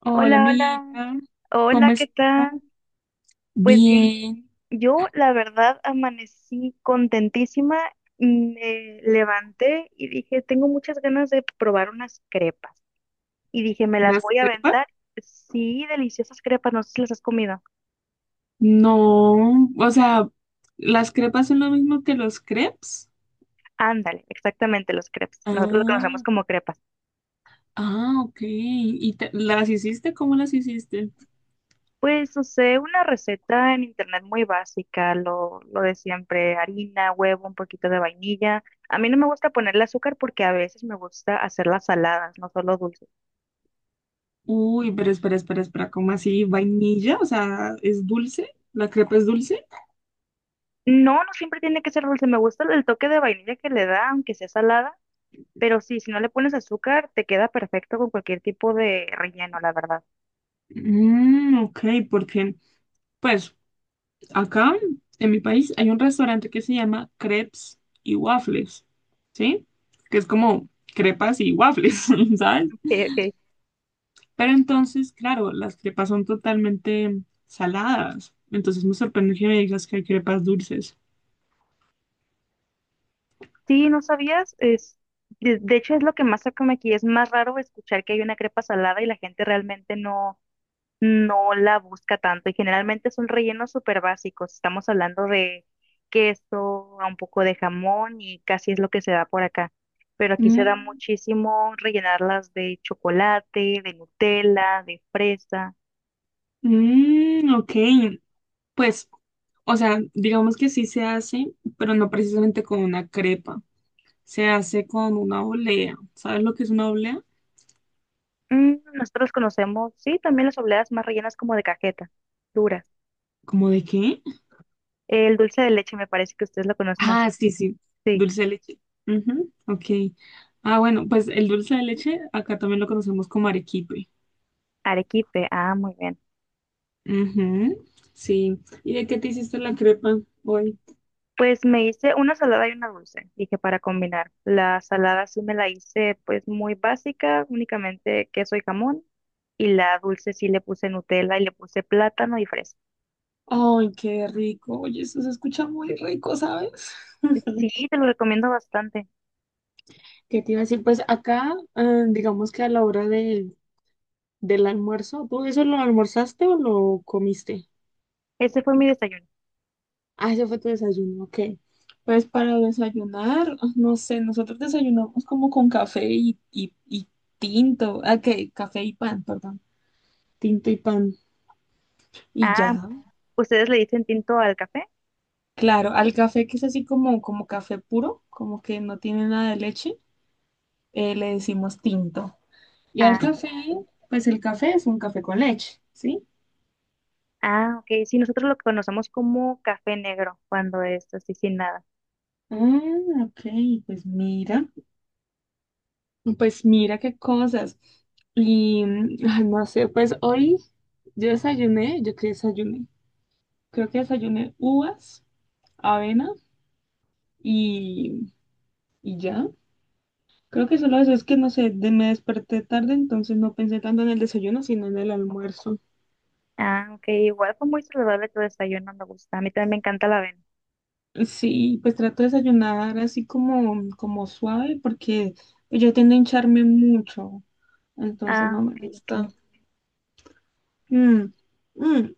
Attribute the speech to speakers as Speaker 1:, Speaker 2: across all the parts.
Speaker 1: Hola,
Speaker 2: Hola, hola.
Speaker 1: amiguita. ¿Cómo
Speaker 2: Hola, ¿qué
Speaker 1: estás?
Speaker 2: tal? Pues bien,
Speaker 1: Bien.
Speaker 2: yo la verdad amanecí contentísima, me levanté y dije, tengo muchas ganas de probar unas crepas. Y dije, me las
Speaker 1: ¿Unas
Speaker 2: voy a
Speaker 1: crepas?
Speaker 2: aventar. Sí, deliciosas crepas, no sé si las has comido.
Speaker 1: No. O sea, ¿las crepas son lo mismo que los crepes?
Speaker 2: Ándale, exactamente, las crepas. Nosotros lo conocemos
Speaker 1: Ah,
Speaker 2: como crepas.
Speaker 1: ah, ok. ¿Y las hiciste? ¿Cómo las hiciste?
Speaker 2: Pues usé una receta en internet muy básica, lo de siempre, harina, huevo, un poquito de vainilla. A mí no me gusta ponerle azúcar porque a veces me gusta hacerlas saladas, no solo dulces.
Speaker 1: Uy, pero espera. ¿Cómo así? ¿Vainilla? O sea, ¿es dulce? ¿La crepa es dulce?
Speaker 2: No, no siempre tiene que ser dulce, me gusta el toque de vainilla que le da, aunque sea salada, pero sí, si no le pones azúcar, te queda perfecto con cualquier tipo de relleno, la verdad.
Speaker 1: Mmm, ok, porque, pues. Acá, en mi país, hay un restaurante que se llama Crepes y Waffles, ¿sí? Que es como crepas y waffles, ¿sabes?
Speaker 2: Ok, ok.
Speaker 1: Pero entonces, claro, las crepas son totalmente saladas. Entonces me sorprende que me digas que hay crepas dulces.
Speaker 2: Sí, ¿no sabías? Es, de hecho, es lo que más se come aquí, es más raro escuchar que hay una crepa salada y la gente realmente no la busca tanto y generalmente son rellenos súper básicos. Estamos hablando de queso, a un poco de jamón y casi es lo que se da por acá. Pero aquí se da
Speaker 1: Mm,
Speaker 2: muchísimo rellenarlas de chocolate, de Nutella, de fresa.
Speaker 1: ok. Pues, o sea, digamos que sí se hace, pero no precisamente con una crepa. Se hace con una olea. ¿Sabes lo que es una olea?
Speaker 2: Mm, nosotros conocemos, sí, también las obleas más rellenas como de cajeta, duras.
Speaker 1: ¿Cómo de qué?
Speaker 2: El dulce de leche me parece que ustedes lo conocen
Speaker 1: Ah,
Speaker 2: así.
Speaker 1: sí, sí,
Speaker 2: Sí,
Speaker 1: dulce de leche. Ujú, ok. Ah, bueno, pues el dulce de leche acá también lo conocemos como arequipe.
Speaker 2: arequipe. Ah, muy bien.
Speaker 1: Ujú, sí. ¿Y de qué te hiciste la crepa hoy?
Speaker 2: Pues me hice una salada y una dulce, dije para combinar. La salada sí me la hice pues muy básica, únicamente queso y jamón. Y la dulce sí le puse Nutella y le puse plátano y fresa.
Speaker 1: Ay, qué rico. Oye, eso se escucha muy rico, ¿sabes?
Speaker 2: Sí, te lo recomiendo bastante.
Speaker 1: ¿Qué te iba a decir? Pues acá, digamos que a la hora del almuerzo, ¿tú eso lo almorzaste o lo comiste?
Speaker 2: Ese fue mi desayuno.
Speaker 1: Ah, ese fue tu desayuno, ok. Pues para desayunar, no sé, nosotros desayunamos como con café y tinto, ah, ¿qué? Café y pan, perdón, tinto y pan, y
Speaker 2: Ah,
Speaker 1: ya.
Speaker 2: ¿ustedes le dicen tinto al café?
Speaker 1: Claro, al café que es así como, como café puro, como que no tiene nada de leche, le decimos tinto. Y al
Speaker 2: Ah,
Speaker 1: café,
Speaker 2: sí.
Speaker 1: pues el café es un café con leche, ¿sí?
Speaker 2: Ah, ok. Sí, nosotros lo conocemos como café negro cuando es así sin nada.
Speaker 1: Ah, ok, pues mira. Pues mira qué cosas. Y ay, no sé, pues hoy yo desayuné, yo qué desayuné. Creo que desayuné uvas, avena y, y ya. Creo que solo eso es que no sé, me desperté tarde, entonces no pensé tanto en el desayuno, sino en el almuerzo.
Speaker 2: Ah, ok. Igual fue muy saludable tu desayuno, me gusta. A mí también me encanta la avena.
Speaker 1: Sí, pues trato de desayunar así como, como suave, porque yo tiendo a hincharme mucho, entonces no
Speaker 2: Ah,
Speaker 1: me
Speaker 2: ok,
Speaker 1: gusta.
Speaker 2: ok.
Speaker 1: Mm, mm.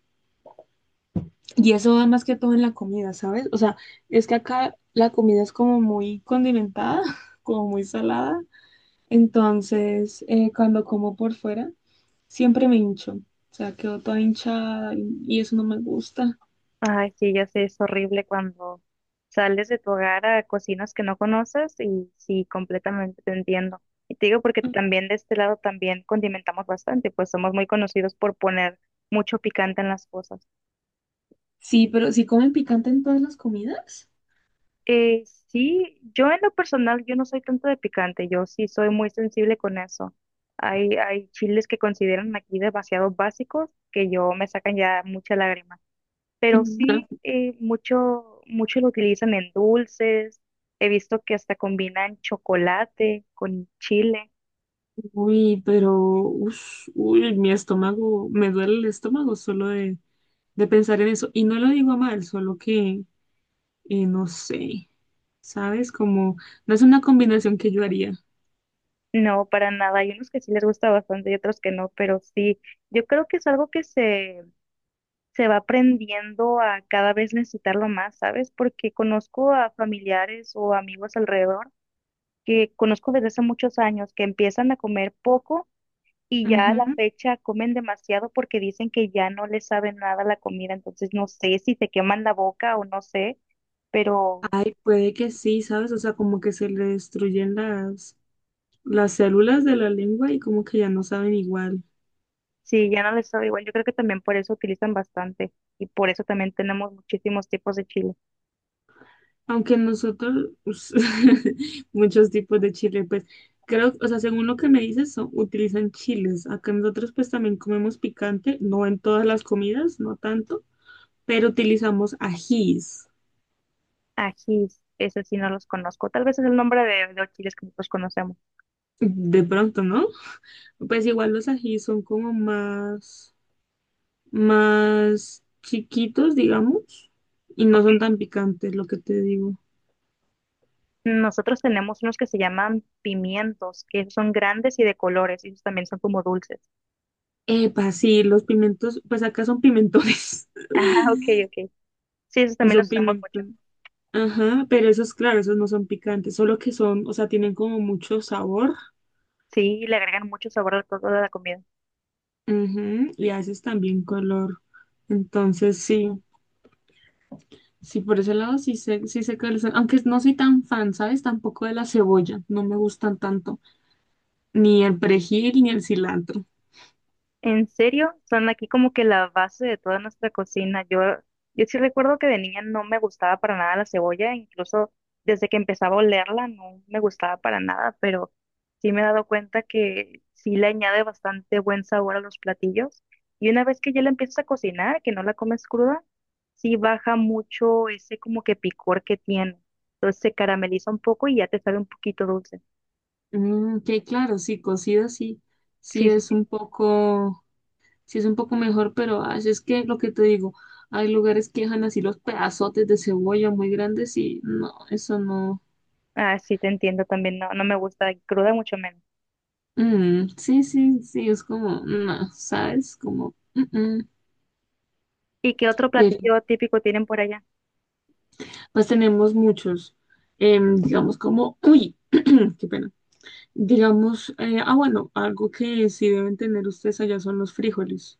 Speaker 1: Y eso va más que todo en la comida, ¿sabes? O sea, es que acá la comida es como muy condimentada, como muy salada. Entonces, cuando como por fuera, siempre me hincho. O sea, quedo toda hinchada y eso no me gusta.
Speaker 2: Ay, sí, ya sé, es horrible cuando sales de tu hogar a cocinas que no conoces y sí, completamente te entiendo. Y te digo porque también de este lado también condimentamos bastante, pues somos muy conocidos por poner mucho picante en las cosas.
Speaker 1: Sí, pero si comen picante en todas las comidas.
Speaker 2: Sí, yo en lo personal, yo no soy tanto de picante, yo sí soy muy sensible con eso. Hay chiles que consideran aquí demasiado básicos que yo me sacan ya mucha lágrima. Pero sí mucho lo utilizan en dulces. He visto que hasta combinan chocolate con chile.
Speaker 1: Uy, pero, ush, uy, mi estómago, me duele el estómago solo de pensar en eso. Y no lo digo a mal, solo que no sé, ¿sabes? Como, no es una combinación que yo haría.
Speaker 2: No, para nada. Hay unos que sí les gusta bastante y otros que no, pero sí, yo creo que es algo que se va aprendiendo a cada vez necesitarlo más, ¿sabes? Porque conozco a familiares o amigos alrededor que conozco desde hace muchos años que empiezan a comer poco. Y ya a
Speaker 1: Ujú.
Speaker 2: la fecha comen demasiado porque dicen que ya no les sabe nada la comida, entonces no sé si se queman la boca o no sé, pero
Speaker 1: Ay, puede que sí, ¿sabes? O sea, como que se le destruyen las células de la lengua y como que ya no saben igual.
Speaker 2: sí, ya no les sabe igual. Yo creo que también por eso utilizan bastante y por eso también tenemos muchísimos tipos de chile.
Speaker 1: Aunque nosotros, muchos tipos de chile, pues creo, o sea, según lo que me dices, utilizan chiles. Acá nosotros pues también comemos picante, no en todas las comidas, no tanto, pero utilizamos ajís.
Speaker 2: Ajís, ese sí no los conozco, tal vez es el nombre de los chiles que nosotros conocemos,
Speaker 1: De pronto, no. Pues igual los ají son como más chiquitos, digamos, y no son
Speaker 2: ¿ok?
Speaker 1: tan picantes, lo que te digo.
Speaker 2: Nosotros tenemos unos que se llaman pimientos, que esos son grandes y de colores, y esos también son como dulces.
Speaker 1: Epa, sí, los pimentos, pues acá son pimentones,
Speaker 2: Ajá, ok, ok. Sí, esos también
Speaker 1: son
Speaker 2: los usamos mucho.
Speaker 1: pimentos. Ajá, pero esos, claro, esos no son picantes, solo que son, o sea, tienen como mucho sabor,
Speaker 2: Sí, le agregan mucho sabor al todo de la comida.
Speaker 1: ujú, y a veces también color. Entonces, sí, sí, por ese lado sí sé cuáles son, aunque no soy tan fan, ¿sabes? Tampoco de la cebolla, no me gustan tanto. Ni el perejil ni el cilantro.
Speaker 2: En serio, son aquí como que la base de toda nuestra cocina. Yo sí recuerdo que de niña no me gustaba para nada la cebolla, incluso desde que empezaba a olerla no me gustaba para nada, pero sí me he dado cuenta que sí le añade bastante buen sabor a los platillos. Y una vez que ya la empiezas a cocinar, que no la comes cruda, sí baja mucho ese como que picor que tiene. Entonces se carameliza un poco y ya te sabe un poquito dulce.
Speaker 1: Mm, que claro, sí, cocido sí, sí
Speaker 2: Sí, sí.
Speaker 1: es un poco, sí es un poco mejor, pero ay, es que lo que te digo, hay lugares que dejan así los pedazotes de cebolla muy grandes y no, eso no.
Speaker 2: Ah, sí, te entiendo también. No, no me gusta cruda, mucho menos.
Speaker 1: Mm, sí, sí, sí, es como, no, ¿sabes? Como, mm, mm.
Speaker 2: ¿Y qué otro
Speaker 1: Pero
Speaker 2: platillo típico tienen por allá?
Speaker 1: pues tenemos muchos, digamos como, uy, qué pena. Digamos, bueno, algo que sí deben tener ustedes allá son los frijoles.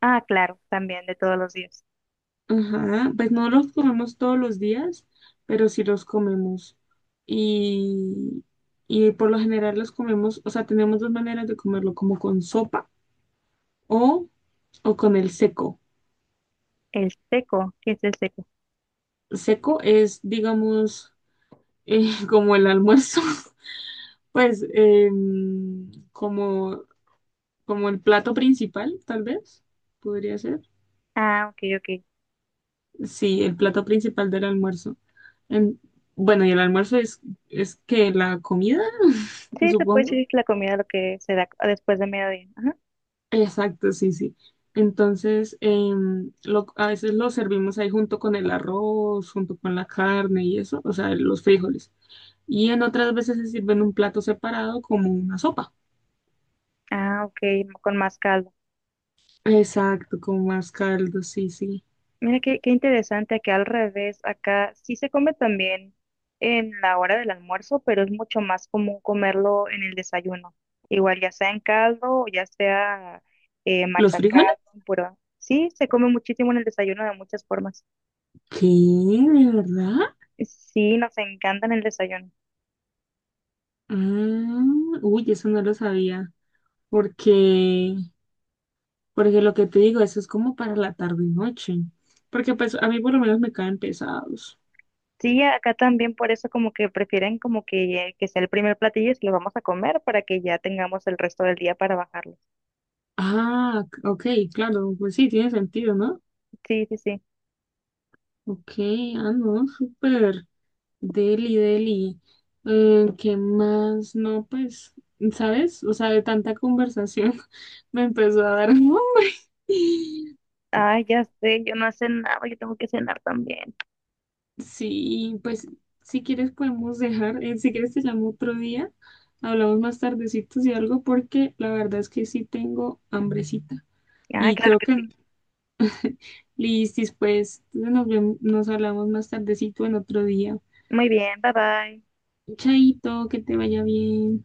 Speaker 2: Ah, claro, también de todos los días.
Speaker 1: Ajá, pues no los comemos todos los días, pero sí los comemos. Y, y por lo general los comemos, o sea, tenemos dos maneras de comerlo, como con sopa o, o con el seco.
Speaker 2: El seco, ¿qué es el seco?
Speaker 1: Seco es, digamos, como el almuerzo, pues em, como, como el plato principal, tal vez, podría ser.
Speaker 2: Ah, ok, ok.
Speaker 1: Sí, el plato principal del almuerzo. En- bueno, y el almuerzo es que la comida,
Speaker 2: Sí, se puede
Speaker 1: supongo.
Speaker 2: decir que la comida lo que se da después de mediodía. Ajá.
Speaker 1: Exacto, sí, sí. Entonces, a veces lo servimos ahí junto con el arroz, junto con la carne y eso, o sea, los frijoles. Y en otras veces se sirve en un plato separado como una sopa.
Speaker 2: Ah, ok, con más caldo.
Speaker 1: Exacto, con más caldo, sí, sí.
Speaker 2: Mira qué, qué interesante que al revés, acá sí se come también en la hora del almuerzo, pero es mucho más común comerlo en el desayuno. Igual ya sea en caldo o ya sea
Speaker 1: ¿Los frijoles?
Speaker 2: machacado, pero sí se come muchísimo en el desayuno de muchas formas.
Speaker 1: ¿Qué? ¿De verdad?
Speaker 2: Sí, nos encanta en el desayuno.
Speaker 1: Ah, uy, eso no lo sabía. Porque, porque lo que te digo, eso es como para la tarde y noche. Porque pues a mí por lo menos me caen pesados.
Speaker 2: Sí, acá también por eso como que prefieren como que sea el primer platillo y se lo vamos a comer para que ya tengamos el resto del día para bajarlo.
Speaker 1: Ah, ok, claro, pues sí, tiene sentido, ¿no?
Speaker 2: Sí, sí, sí.
Speaker 1: Ok, ah, no, súper. Deli, deli. ¿Qué más? No, pues, ¿sabes? O sea, de tanta conversación me empezó a dar hambre.
Speaker 2: Ay, ya sé, yo no hace nada, yo tengo que cenar también.
Speaker 1: Sí, pues, si quieres podemos dejar, si quieres te llamo otro día, hablamos más tardecitos y algo, porque la verdad es que sí tengo hambrecita.
Speaker 2: Ah,
Speaker 1: Y
Speaker 2: claro
Speaker 1: creo
Speaker 2: que
Speaker 1: que,
Speaker 2: sí.
Speaker 1: listis, pues, nos vemos, nos hablamos más tardecito en otro día.
Speaker 2: Muy bien, bye bye.
Speaker 1: Chaito, que te vaya bien.